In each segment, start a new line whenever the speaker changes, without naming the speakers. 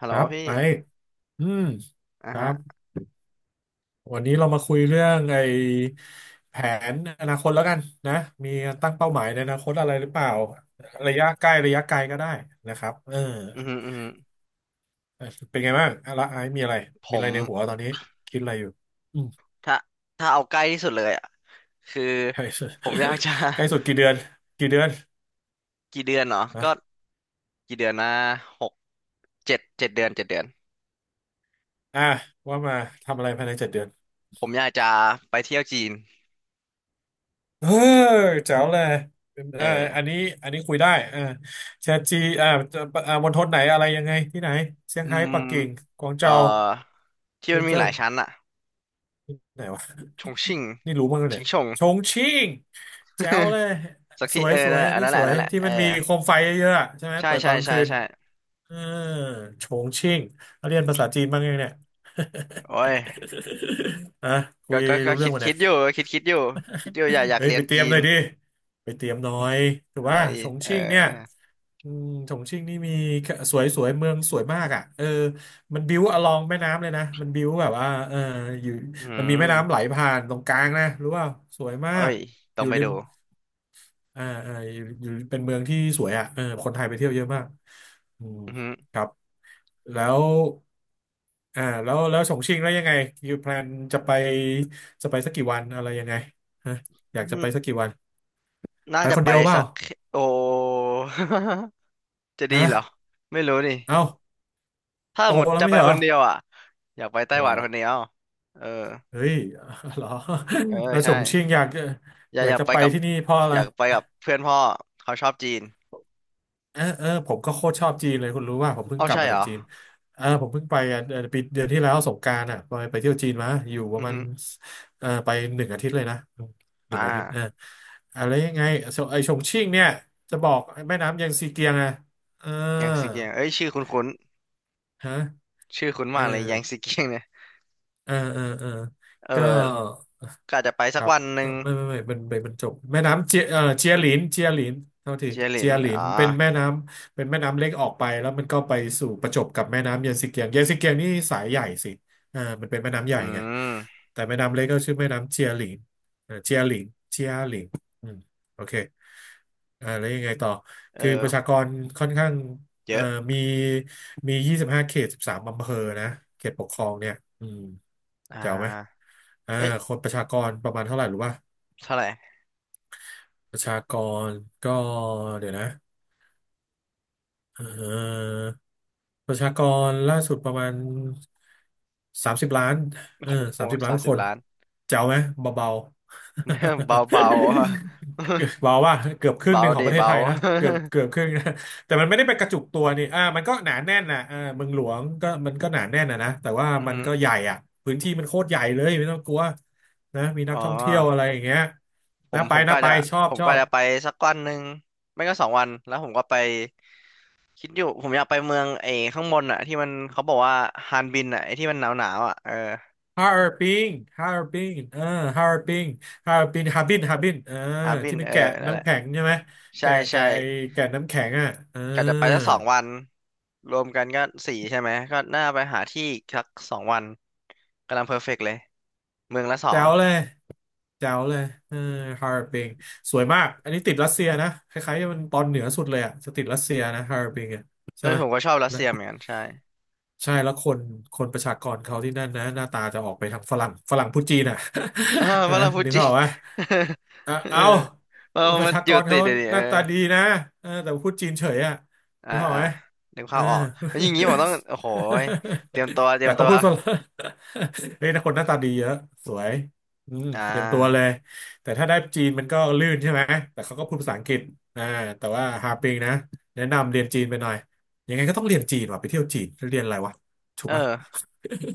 ฮัล
ค
โหล
รับ
พี่
ไออืม
อ่ะ
ครั
ฮะ
บ วันนี้เรามาคุยเรื่องไอแผนอนาคตแล้วกันนะมีตั้งเป้าหมายในอนาคตอะไรหรือเปล่า ระยะใกล้ระยะไกลก็ได้นะครับเออ
อืมอหืมออือหือ
เป็นไงบ้างอะละไอซ์มีอะไร
ผ
มีอะ
ม
ไรในหัวตอนนี้คิดอะไรอยู่อืม
ถ้าถ้าเอาใกล้ที่สุดเลยอ่ะคือ
ใกล้สุด
ผมอยากจะ
ใกล้สุดกี่เดือนกี่เดือน
กี่เดือนเนาะก็
นะ
กี่เดือนนะหกเจ็ดเดือนเจ็ดเดือน
อ่ะว่ามาทำอะไรภายใน7 เดือน
ผมอยากจะไปเที่ยวจีน
เออแจ๋วเลยเอ
เอ
ออัน
อ
นี้อันนี้คุยได้อ่าแชทจีอ่าอ่ามณฑลไหนอะไรยังไงที่ไหนเซี่ยง
อื
ไฮ้
ม
ปักกิ่งกวาง
เอ่อ
เจา
ที่
เซิ
มัน
น
มี
เจิ้
หลา
น
ยชั้นอ่ะ
ไหนวะ
ชงชิ่ง
นี่รู้มั้ง
ชิ
เนี่ย
งชง
ชงชิ่งแจ๋วเลย
สัก
ส
ที่
ว
เอ
ย
อ
สว
นั่น
ย
แหละ
อันนี้ส
อั
ว
น
ย
นั้นแหละ
ที่
เออ
มันมีโคมไฟเยอะๆอะใช่ไหม
ใช่
เปิดต
ใช่
อนกลาง
ใช่
คืน
ใช่
เออชงชิ่งเรียนภาษาจีนบ้างยังเนี่ย
โอ้ย
อ่ะ คุ
ก็
ย
ก็ก็
รู้เรื่
คิ
อง
ด
ปะ
คิ
เนี่
ดอยู่
ย
คิดอยู่คิดอยู่อยาก
เฮ้ย
เรีย
ไป
น
เตรี
จี
ยมห
น
น่อยดิไปเตรียมหน่อยถือ
เอ้
ว่า
ย
ฉง
เออ
ชิ่งเนี่ยอืมฉงชิ่งนี่มีสวยสวยเมืองสวยมากอ่ะเออมันบิ้วอลองแม่น้ำเลยนะมันบิ้วแบบว่าเอออยู่
อื
มันมีแม่น้ำไหล
ม
ผ่านตรงกลางนะรู้ว่าสวยมา
เอ้
ก
ย
อ
ต้อง
ยู่
ไป
ริ
ดู
มอ่าอ่าอยู่อยู่เป็นเมืองที่สวยอ่ะเออคนไทยไปเที่ยวเยอะมากอืม
อือหือ
ครับแล้วอ่าแล้วแล้วฉงชิ่งแล้วยังไงอยู่แพลนจะไปจะไปสักกี่วันอะไรยังไงฮะอ
อื
ยาก
อ
จะ
หื
ไป
อ
สักกี่วัน
น่า
ไป
จะ
คน
ไป
เดียวเปล่า
สักโอ จะ
นะ
ดีเหรอไม่รู้นี่
เอ้า
ถ้า
โต
หมด
แล้ว
จะ
ไม่
ไป
ใช่เห
ค
รอ
นเดียวอ่ะอยากไปไต้
อะ
ห
ไร
วันค
วะ
นเดียวเออ
เฮ้ย เหรอ
เออ
แล้วฉ
ใช่
งชิ่งอยาก
อ
อ
ยาก
ยา
อ
ก
ยาก
จะ
ไป
ไป
กับ
ที่นี่เพราะอะไร
อยากไปกับเพื่อนพ่อเขาชอบจีน
เออเออผมก็โคตรชอบจีนเลยคุณรู้ว่าผมเพิ่ง
เอ้า
กลับ
ใช่
มา
เหร
จา
อ
กจีนเออผมเพิ่งไปอ่ะปีเดือนที่แล้วสงกรานต์อ่ะไปไปเที่ยวจีนมาอยู่ป
อื
ระ
อ
มาณ
หือ
เออไปหนึ่งอาทิตย์เลยนะห
อ่
นึ่งอาทิตย์เออ
า
อะไรยังไงส่วนไอชงชิ่งเนี่ยจะบอกแม่น้ำแยางซีเกียงอ่ะเออ
แยงซีเกียงเอ้ยชื่อคุ้น
ฮะ
ๆชื่อคุ้น
เออ
มากเลยแยงซีเกียงเนี่ย
เออเออเออ
เอ
ก็
อก็อาจจะไป
ค
สัก
รับ
วันหนึ่ง
ไม่ไม่ไม่มันเปนมันจบแม่น้ำเจียหลินเจียหลินเท่าที่
เจียหลิ
เจี
น
ยหลิ
อ่า
นเป็นแม่น้ำเป็นแม่น้ำเล็กออกไปแล้วมันก็ไปสู่ประจบกับแม่น้ำเยนซิเกียงเยนซิเกียงนี่สายใหญ่สิอ่ามันเป็นแม่น้ำให
อื
ญ่ไง
ม
แต่แม่น้ำเล็กก็ชื่อแม่น้ำเจียหลินเจียหลินเจียหลินอืมโอเคอ่าแล้วยังไงต่อ
เออ
คือประชากรค่อนข้าง
เย
เอ่อ
อะ
มีมี25 เขต 13 อำเภอนะเขตปกครองเนี่ยอืม
อ่
แจ๋วไหม
า
อ่า
เอ้ย
คนประชากรประมาณเท่าไหร่รู้ป่ะ
เท่าไหร่
ประชากรก็เดี๋ยวนะเอ่อประชากรล่าสุดประมาณสามสิบล้าน
โอ้
เออ
โห
สามสิบล้า
สา
น
มสิ
ค
บ
น
ล้าน
เจ๋วไหม เบาๆ
เบาเบาอะ
บอกว่าเกือบค รึ่ง
เบา
หนึ่งของ
ดิ
ประเทศ
เบา
ไทยนะเกือบเกือบครึ่งนะ แต่มันไม่ได้ไปกระจุกตัวนี่อ่ามันก็หนาแน่นนะอ่าเมืองหลวงก็มันก็หนาแน่นนะนะแต่ว่า
อือ
มัน
ฮึ
ก็ใหญ่อ่ะพื้นที่มันโคตรใหญ่เลยไม่ต้องกลัวนะมีนั
อ๋
กท่องเที่ยวอะไร
อ
อย่างเงี้ย
ผ
นะ
ม
ไป
ผมก็
นะไป
จะ
ชอบ
ผม
ชอ
ก็
บ
จะไปสักวันหนึ่งไม่ก็สองวันแล้วผมก็ไปคิดอยู่ผมอยากไปเมืองไอ้ข้างบนอ่ะที่มันเขาบอกว่าฮานบินอ่ะไอ้ที่มันหนาวหนาวอ่ะเออ
ฮาร์ปิงฮาร์ปิงเออฮาร์ปิงฮาร์ปิงฮาร์บินฮาร์บินเออ
ฮานบิ
ที่
น
มัน
เออ
แกะ
นั่นแห
น้ำ
ละ
แข็งใช่ไหม
ใช่
แกะ
ใช่
แกะไอ้แกะน้ำแข็งอ่ะเออ
กะจะไปสักสองวันรวมกันก็สี่ใช่ไหมก็น่าไปหาที่สักสองวันกำลังเพอร์เฟกต์เลยเมืองละสอ
แจ๋
ง
วเลยแจ๋วเลยเออฮาร์บิงสวยมากอันนี้ติดรัสเซียนะคล้ายๆมันตอนเหนือสุดเลยอ่ะจะติดรัสเซียนะฮาร์บิงอ่ะ
เอ
ใช่
อ
ไหม
ผมก็ชอบรัส
นะ
เซียเหมือนกันใช่
ใช่แล้วคนคนประชากรเขาที่นั่นนะหน้าตาจะออกไปทางฝรั่งฝรั่งพูดจีนอ่ะ
อ่า วา
ฮะ
ลาฟู
นึก
จิ
ภาพออกไหม
เออ
เออเอา
เออ
ประ
มัน
ชา
อ
ก
ยู่
ร
ติ
เขา
ดเดี๋ยวนี้
ห
เออ
น้าตาดีนะเออแต่พูดจีนเฉยอ่ะรู้เปล่า
อ่า
ไหม
นึก
เอ
ภา
อ
พออกแล้วอย่างนี้ผมต้องโอ้ โหยเตรี
แต่
ยมตั
เขา
ว
พูดฝรั่ง เฮ้ยนะคนหน้าตาดีเยอะสวยอืม
อ่
เตรียมตัวเล
า
ยแต่ถ้าได้จีนมันก็ลื่นใช่ไหมแต่เขาก็พูดภาษาอังกฤษอ่าแต่ว่าฮาปิงนะแนะนำเรียนจีนไปหน่อยยังไงก็ต้องเรียนจีนว่ะไปเที่ยวจีนจะเรียนอะไรวะถู
เอ
กปะ
อ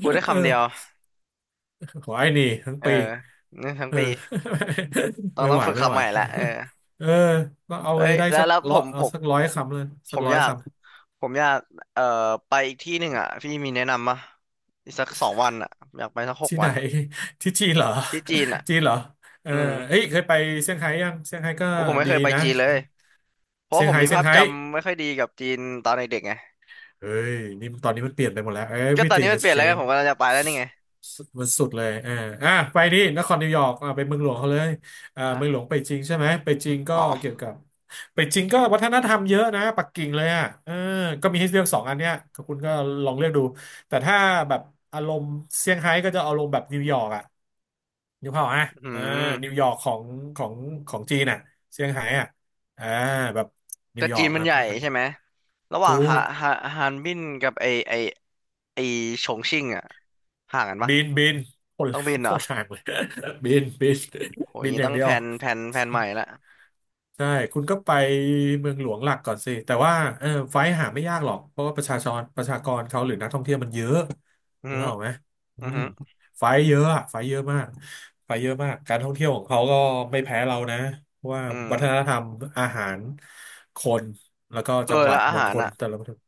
พูดได้
เออ
คำเดียว
ขอไอ้นี่ทั้ง
เออ
ปี
นี่ทั้ง
เออ
ปีต้ อง
ไม่
ต้อ
ไห
ง
ว
ฝึก
ไม่
คำ
ไหว
ใหม่ละเออ
เออต้องเอา
เฮ้
ไว้
ย
ได้
แล้ว
สัก
แล้ว
ร้อยเอาสักร้อย
ผม
คำเลย
ผ
สัก
ม
ร้อยคำ
อยากเอ่อไปอีกที่หนึ่งอ่ะพี่มีแนะนำปะอีกสักสองวันอ่ะอยากไปสักหก
ที่ไหน
วัน
ที่จีนเหรอ
ที่จีนอ่ะ
จีนเหรอเออ
อืม
เฮ้ยเคยไปเซี่ยงไฮ้ยังเซี่ยงไฮ้ก็
โอ้ผมไม่
ดี
เคยไป
นะ
จีนเลย เพราะ
เซี่ย
ผ
ง
ม
ไฮ้
มี
เซี่ย
ภา
ง
พ
ไฮ้
จำไม่ค่อยดีกับจีนตอนเด็กๆไง
เฮ้ยนี่ตอนนี้มันเปลี่ยนไปหมดแล้ว
ก็ตอนนี้
everything
มันเป
is
ลี่ยนแล้วไงผ
changed
มกำลังจะไปแล้วนี่ไง
สุดมันสุดเลยอ่าอ่ะไปดินครนิวยอร์กอ่ะไปเมืองหลวงเขาเลยเมืองหล
ฮะ
วงไปจริงใช่ไหมไปจริงก็
อ๋อ
เกี่ยวกับไปจริงก็วัฒนธรรมเยอะนะปักกิ่งเลยอ่ะเออก็มีให้เลือกสองอันเนี้ยก็คุณก็ลองเลือกดูแต่ถ้าแบบอารมณ์เซี่ยงไฮ้ก็จะอารมณ์แบบนิวยอร์กอ่ะนิวเผาอ่ะ
อื
เออนิว
ม
ยอร์กของของจีนอ่ะเซี่ยงไฮ้อ่ะอ่าแบบนิ
แต่
วยอ
จี
ร์
น
ก
มัน
อ่ะ
ใหญ่ใช่ไหมระหว่าง
ถู
ฮา
ก
ฮาฮานบินกับไอไอไอฉงชิ่งอะห่างกันปะ
บินคน
ต้องบินเห
โค
รอ
ตรห่างเลย บิน
โหอ
บิ
ย่าง
น
งี้
อย่า
ต้อ
ง
ง
เดียว
แพลนใหม่ละ
ใช่คุณก็ไปเมืองหลวงหลักก่อนสิแต่ว่าเออไฟล์หาไม่ยากหรอกเพราะว่าประชาชนประชากรเขาหรือนักท่องเที่ยวมันเยอะ
อือ
รู้
หื
เป
อ
ล่าไหมอื
อือ
ม
หือ
ไฟล์เยอะอะไฟล์เยอะมากไฟล์เยอะมากการท่องเที่ยวของเขาก็ไม่แพ้เรานะเพราะว่า
อื
วัฒนธ
ม
รรมอาหารคนแล้วก็
เออ
จังหวั
แล้
ด
วอา
มณ
หา
ฑ
ร
ล
อะ
แต่ละมณฑล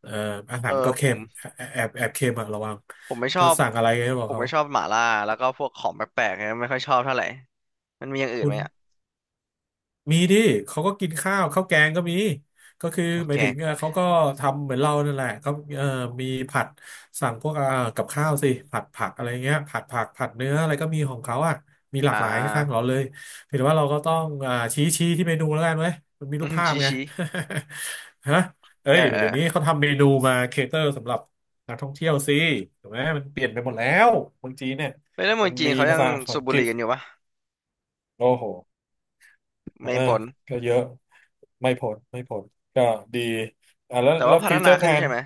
เอ่ออาหา
เอ
รมัน
อ
ก็
ผ
เค็
ม
มแอบเค็มอะระวัง
ผม
ก็สั่งอะไรให้บอกเขา
ไม่ชอบหม่าล่าแล้วก็พวกของแปลกๆเนี่ยไม่ค่อยชอบเท่าไหร่มันมีอย่างอื่น
คุ
ไห
ณ
มอะ
มีดิเขาก็กินข้าวข้าวแกงก็มีก็คือ
โอ
หมายถึง
เค
เขาก็ทำเหมือนเรานั่นแหละเขาเอ่อมีผัดสั่งพวกกับข้าวสิผัดผักอะไรเงี้ยผัดผักผัดเนื้ออะไรก็มีของเขาอ่ะมีหลา
อ่
กหลายข้างๆเรา
า
เลยเพียงแต่ว่าเราก็ต้องชี้ที่เมนูแล้วกันไหมมันมี
อื
รูป
ม
ภาพ
ชี
ไง
ชี
ฮะเอ้
เออ
ย
เออ
เดี๋ยวนี้เขาทำเมนูมาเคเตอร์สำหรับนักท่องเที่ยวสิถูกไหมมันเปลี่ยนไปหมดแล้วเมืองจีนเนี่ย
ไม่ได้เมือ
มั
ง
น
จีน
มี
เขายั
ภา
ง
ษาอั
สูบ
ง
บุ
ก
ห
ฤ
รี่
ษ
กันอยู่ปะ
โอ้โห เอ
ไม่
อ
ผล
ก็เยอะไม่พ้นก็ดีอ่าแล้ว
แต่
แล้
ว่า
ว
พั
ฟิ
ฒ
วเจอ
นา
ร์แพ
ขึ้
ล
น
น
ใช่ไหม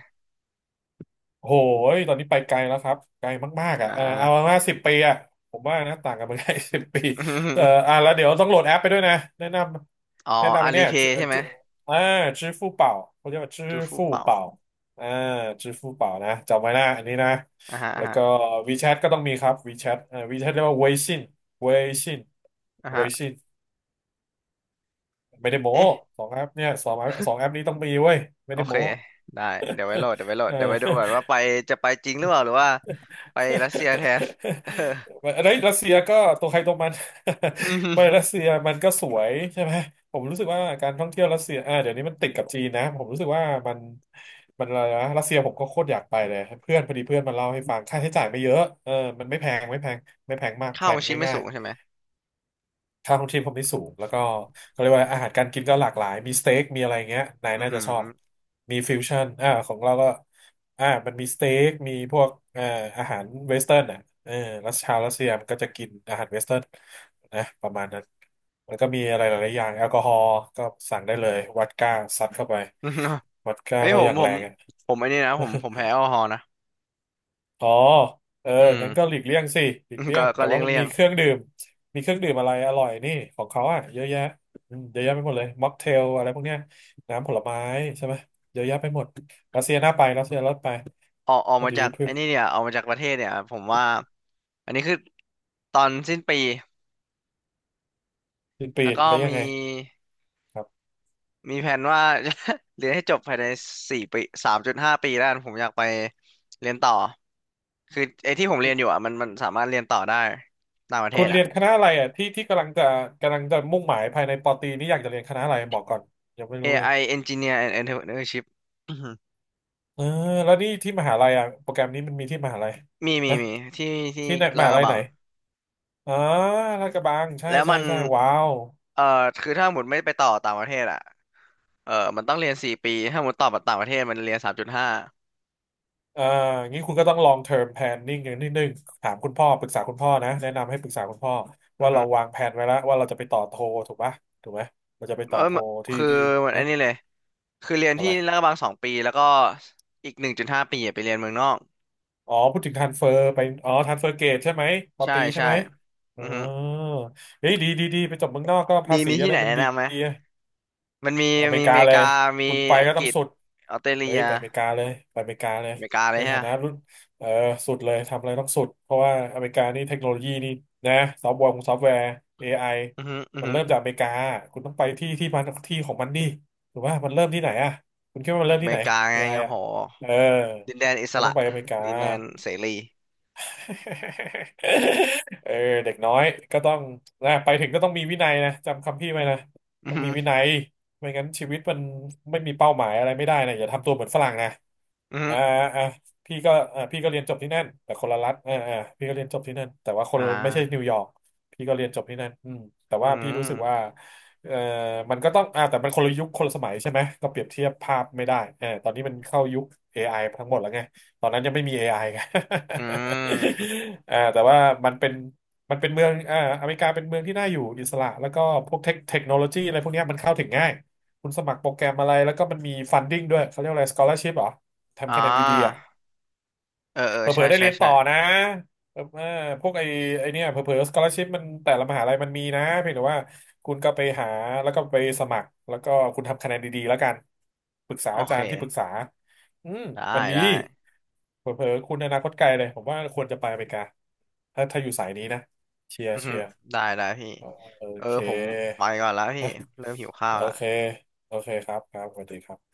โหยตอนนี้ไปไกลแล้วครับ ไกลมากๆอ่ะ
อ่า
เออเอามาสิบปีอ่ะผมว่านะต่างกันเมืองไทย สิบปีเออแล้วเดี๋ยวต้องโหลดแอปไปด้วยนะแนะน
อ๋อ
แนะนำ
อา
ไป
ลี
เนี่ย
เพ
จื้อ
ย์ใช่ไหม
จื้ออ่า支付宝เป่าเขาเรียกว่า支
จูฟู
付宝อฟู่
เป่า
เป่า支่าจื้อฟู่เป่านะจำไว้นะอันนี้นะ
อ่าฮะอ่า
แล้ว
ฮะ
ก็ WeChat ก็ต้องมีครับ WeChat WeChat เรียกว่าเวซินเวซิน
อ่า
เว
ฮะ
ซิน ไม่ได้โม้
เอ๊ะ
สองแอปเนี่ยสองแอปนี้ต้องมีเว้ยไม่
โอ
ได้
เค
โม้
ได้เดี๋ยวไว้โหล ดเดี๋ยวไว้โหล
เอ
ด
อ
เดี๋ยวไว้ดูก่อนว่าไปจะไปจริงหรือเปล่าหรือว่าไปรัสเซียแทนเออ
ไอ้ยรัสเซียก็ตัวใครตัวมัน ไม่ รัสเซียมันก็สวยใช่ไหมผมรู้สึกว่าการท่องเที่ยวรัสเซียอ่าเดี๋ยวนี้มันติดกับจีนนะผมรู้สึกว่ามันอะไรนะรัสเซียผมก็โคตรอยากไปเลยเพื่อนพอดีเพื่อนมาเล่าให้ฟังค่าใช้จ่ายไม่เยอะเออมันไม่แพงไม่แพงมากแพ
ค่า
ล
ขอ
น
งชีพไม่
ง่า
สู
ย
งใช่ไหม
ค่าของชีพเขาไม่สูงแล้วก็เขาเรียกว่าอาหารการกินก็หลากหลายมีสเต็กมีอะไรเงี้ยนาย
อือ
น่า
หื
จะ
อ
ชอบมีฟิวชั่นอ่าของเราก็อ่ามันมีสเต็กมีพวกอาหารเวสเทิร์นอ่ะเออรัสชาวรัสเซียมันก็จะกินอาหารเวสเทิร์นนะประมาณนั้นแล้วก็มีอะไรหลายๆอย่างแอลกอฮอล์ก็สั่งได้เลยวอดก้าซัดเข้าไป วอดก้า
เอ้ย
ก็
ผ
อ
ม
ย่าง
ผ
แร
ม
งอะ
ผมไอ้นี่นะผมแพ้แอลกอฮอล์นะ
อ๋อเออ
อืม
งั้นก็หลีกเลี่ยงสิหลีก เลี่ย
ก็
งแต่ว่ามัน
เลี่ย
มี
ง
เครื่องดื่มมีเครื่องดื่มอะไรอร่อยนี่ของเขาอ่ะเยอะแยะอืมเยอะแยะไปหมดเลยม็อกเทลอะไรพวกเนี้ยน้ำผลไม้ใช่ไหมเยอะแยะไปหมดรัสเซียน่าไปรัสเซียน่าไป
ออก
พอ
มา
ดี
จาก
เพื่
ไอ้
อ
นี่เนี่ยออกมาจากประเทศเนี่ยผมว่าอันนี้คือตอนสิ้นปี
สิ้นปี
แล้วก็
แล้วยั
มี
งไงครับ
แผนว่า เรียนให้จบภายในสี่ปีสามจุดห้าปีแล้วกันผมอยากไปเรียนต่อคือไอ้ที่ผมเรียนอยู่อ่ะมันสามารถเรียนต่อได้ต่างประเท
คุ
ศ
ณเรี
อ่ะ
ยนคณะอะไรอ่ะที่กำลังจะกำลังจะมุ่งหมายภายในปอตรีนี่อยากจะเรียนคณะอะไรบอกก่อนยังไม่รู้เลย
AI Engineer and Entrepreneurship อื้อหือ
เออแล้วนี่ที่มหาลัยอ่ะโปรแกรมนี้มันมีที่มหาลัย
มี
นะ
มีที่ที่
ที่ไหนม
ลาด
หา
กระ
ลัย
บั
ไหน
ง
อ๋อลาดกระบังใช่
แล้ว
ใช่
มัน
ใช่ว้าว
คือถ้าหมดไม่ไปต่อต่างประเทศอ่ะเออมันต้องเรียนสี่ปีถ้าหมดต่อต่างประเทศมันเรียนสามจุดห้า
เอ่องี้คุณก็ต้อง long term planning อย่างนิดนึงถามคุณพ่อปรึกษาคุณพ่อนะแนะนำให้ปรึกษาคุณพ่อ
อื
ว่า
อฮึ
เราวางแผนไว้แล้วว่าเราจะไปต่อโทถูกปะถูกไหมเราจะไป
เอ
ต่อ
อ
โทที่
คือเหมือน
เน
อัน
อะ
นี้เลยคือเรียน
อะ
ที่
ไร
ลาดกระบังสองปีแล้วก็อีกหนึ่งจุดห้าปีอะไปเรียนเมืองนอก
อ๋อพูดถึง transfer ไปอ๋อ transfer gate ใช่ไหมปอ
ใช่
ตีใช่
ใช่
ไหมอ๋
อื
อ
อฮึ
เฮ้ยดีไปจบเมืองนอกก็ภา
มี
ษี
มี
อะ
ที่
ไร
ไหน
มัน
แนะ
ดี
นำไหมมันมี
อเม
มี
ริ
อ
กา
เมริ
เลย
กามี
คุณไป
อัง
ก็
ก
ต้อง
ฤษ
สุด
ออสเตรเลี
เฮ้ย
ย
ไปอเมริกาเลยไปอเมริกาเล
อ
ย
เมริกาเล
ใน
ย
ฐานะรุ่
ฮะ
นเออสุดเลยทำอะไรต้องสุดเพราะว่าอเมริกานี่เทคโนโลยีนี่นะซอฟต์แวร์ของซอฟต์แวร์ AI
อือฮึอือ
มัน
ฮึ
เริ่มจากอเมริกาคุณต้องไปที่มันที่ของมันดิถูกป่ะมันเริ่มที่ไหนอ่ะคุณคิดว่ามัน
อ
เริ่ม
เม
ที่ไหน
ริกา
AI
ไง
อไอ
โอ้
อ่ะ
โห
เออ
ดินแดนอิ
คุณ
ส
ก็ต้
ระ
องไปอเมริกา
ดินแดนเสรี
เออเด็กน้อยก็ต้องนะไปถึงก็ต้องมีวินัยนะจำคำพี่ไว้นะ
อือ
ต้อง
ฮึ
มีวินัยไม่งั้นชีวิตมันไม่มีเป้าหมายอะไรไม่ได้นะอย่าทำตัวเหมือนฝรั่งนะ
อือฮึ
อ่าอ่าพี่ก็เรียนจบที่นั่นแต่คนละรัฐอ่าพี่ก็เรียนจบที่นั่นแต่ว่าคน
อ่
ไม่ใช่นิ
า
วยอร์กพี่ก็เรียนจบที่นั่นอืมแต่
อื
ว่าพี่รู้สึกว่า
ม
เอ่อมันก็ต้องแต่มันคนละยุคคนละสมัยใช่ไหมก็เปรียบเทียบภาพไม่ได้เออตอนนี้มันเข้ายุค AI ทั้งหมดแล้วไง ตอนนั้นยังไม่มี AI ไอไง
อืม
อ่าแต่ว่ามันเป็นมันเป็นเมืองอ่าอเมริกาเป็นเมืองที่น่าอยู่อิสระแล้วก็พวกเทคโนโลยีอะไรพวกเนี้ยมันเข้าถึงง่ายคุณสมัครโปรแกรมอะไรแล้วก็มันมีฟันดิ้งด้วยเขาเรียกอะไรสกอล a r ชิพเหรอ
อ่
ทำคะแนนดีๆอ่ะ
าเออเออ
เผล
ใช่
อๆได้
ใช่
เรียน
ใช่
ต่อนะเออเออพวกไอ้เนี่ยเผลอๆสกอล a r ชิพมันแต่ละมหาลัยมันมีนะเพียงแต่ว่าคุณก็ไปหาแล้วก็ไปสมัครแล้วก็คุณทำคะแนนดีๆแล้วกันปรึกษา
โอ
อา
เค
จารย์ที่ปรึกษาอืม
ได้
มันมี
ได้
เผลอๆคุณอนาคตไกลเลย ผมว่าควรจะไปอเมริกาถ้าถ้าอยู่สายนี้นะเชียร์
อือฮึ
เชียร์
ได้ได้พี่
อ๋อโอ
เออ
เค
ผมไปก่อนแล้วพี่เริ่มหิวข้า
โอ
วละ
เคโอเคครับครับสวัสดีครับ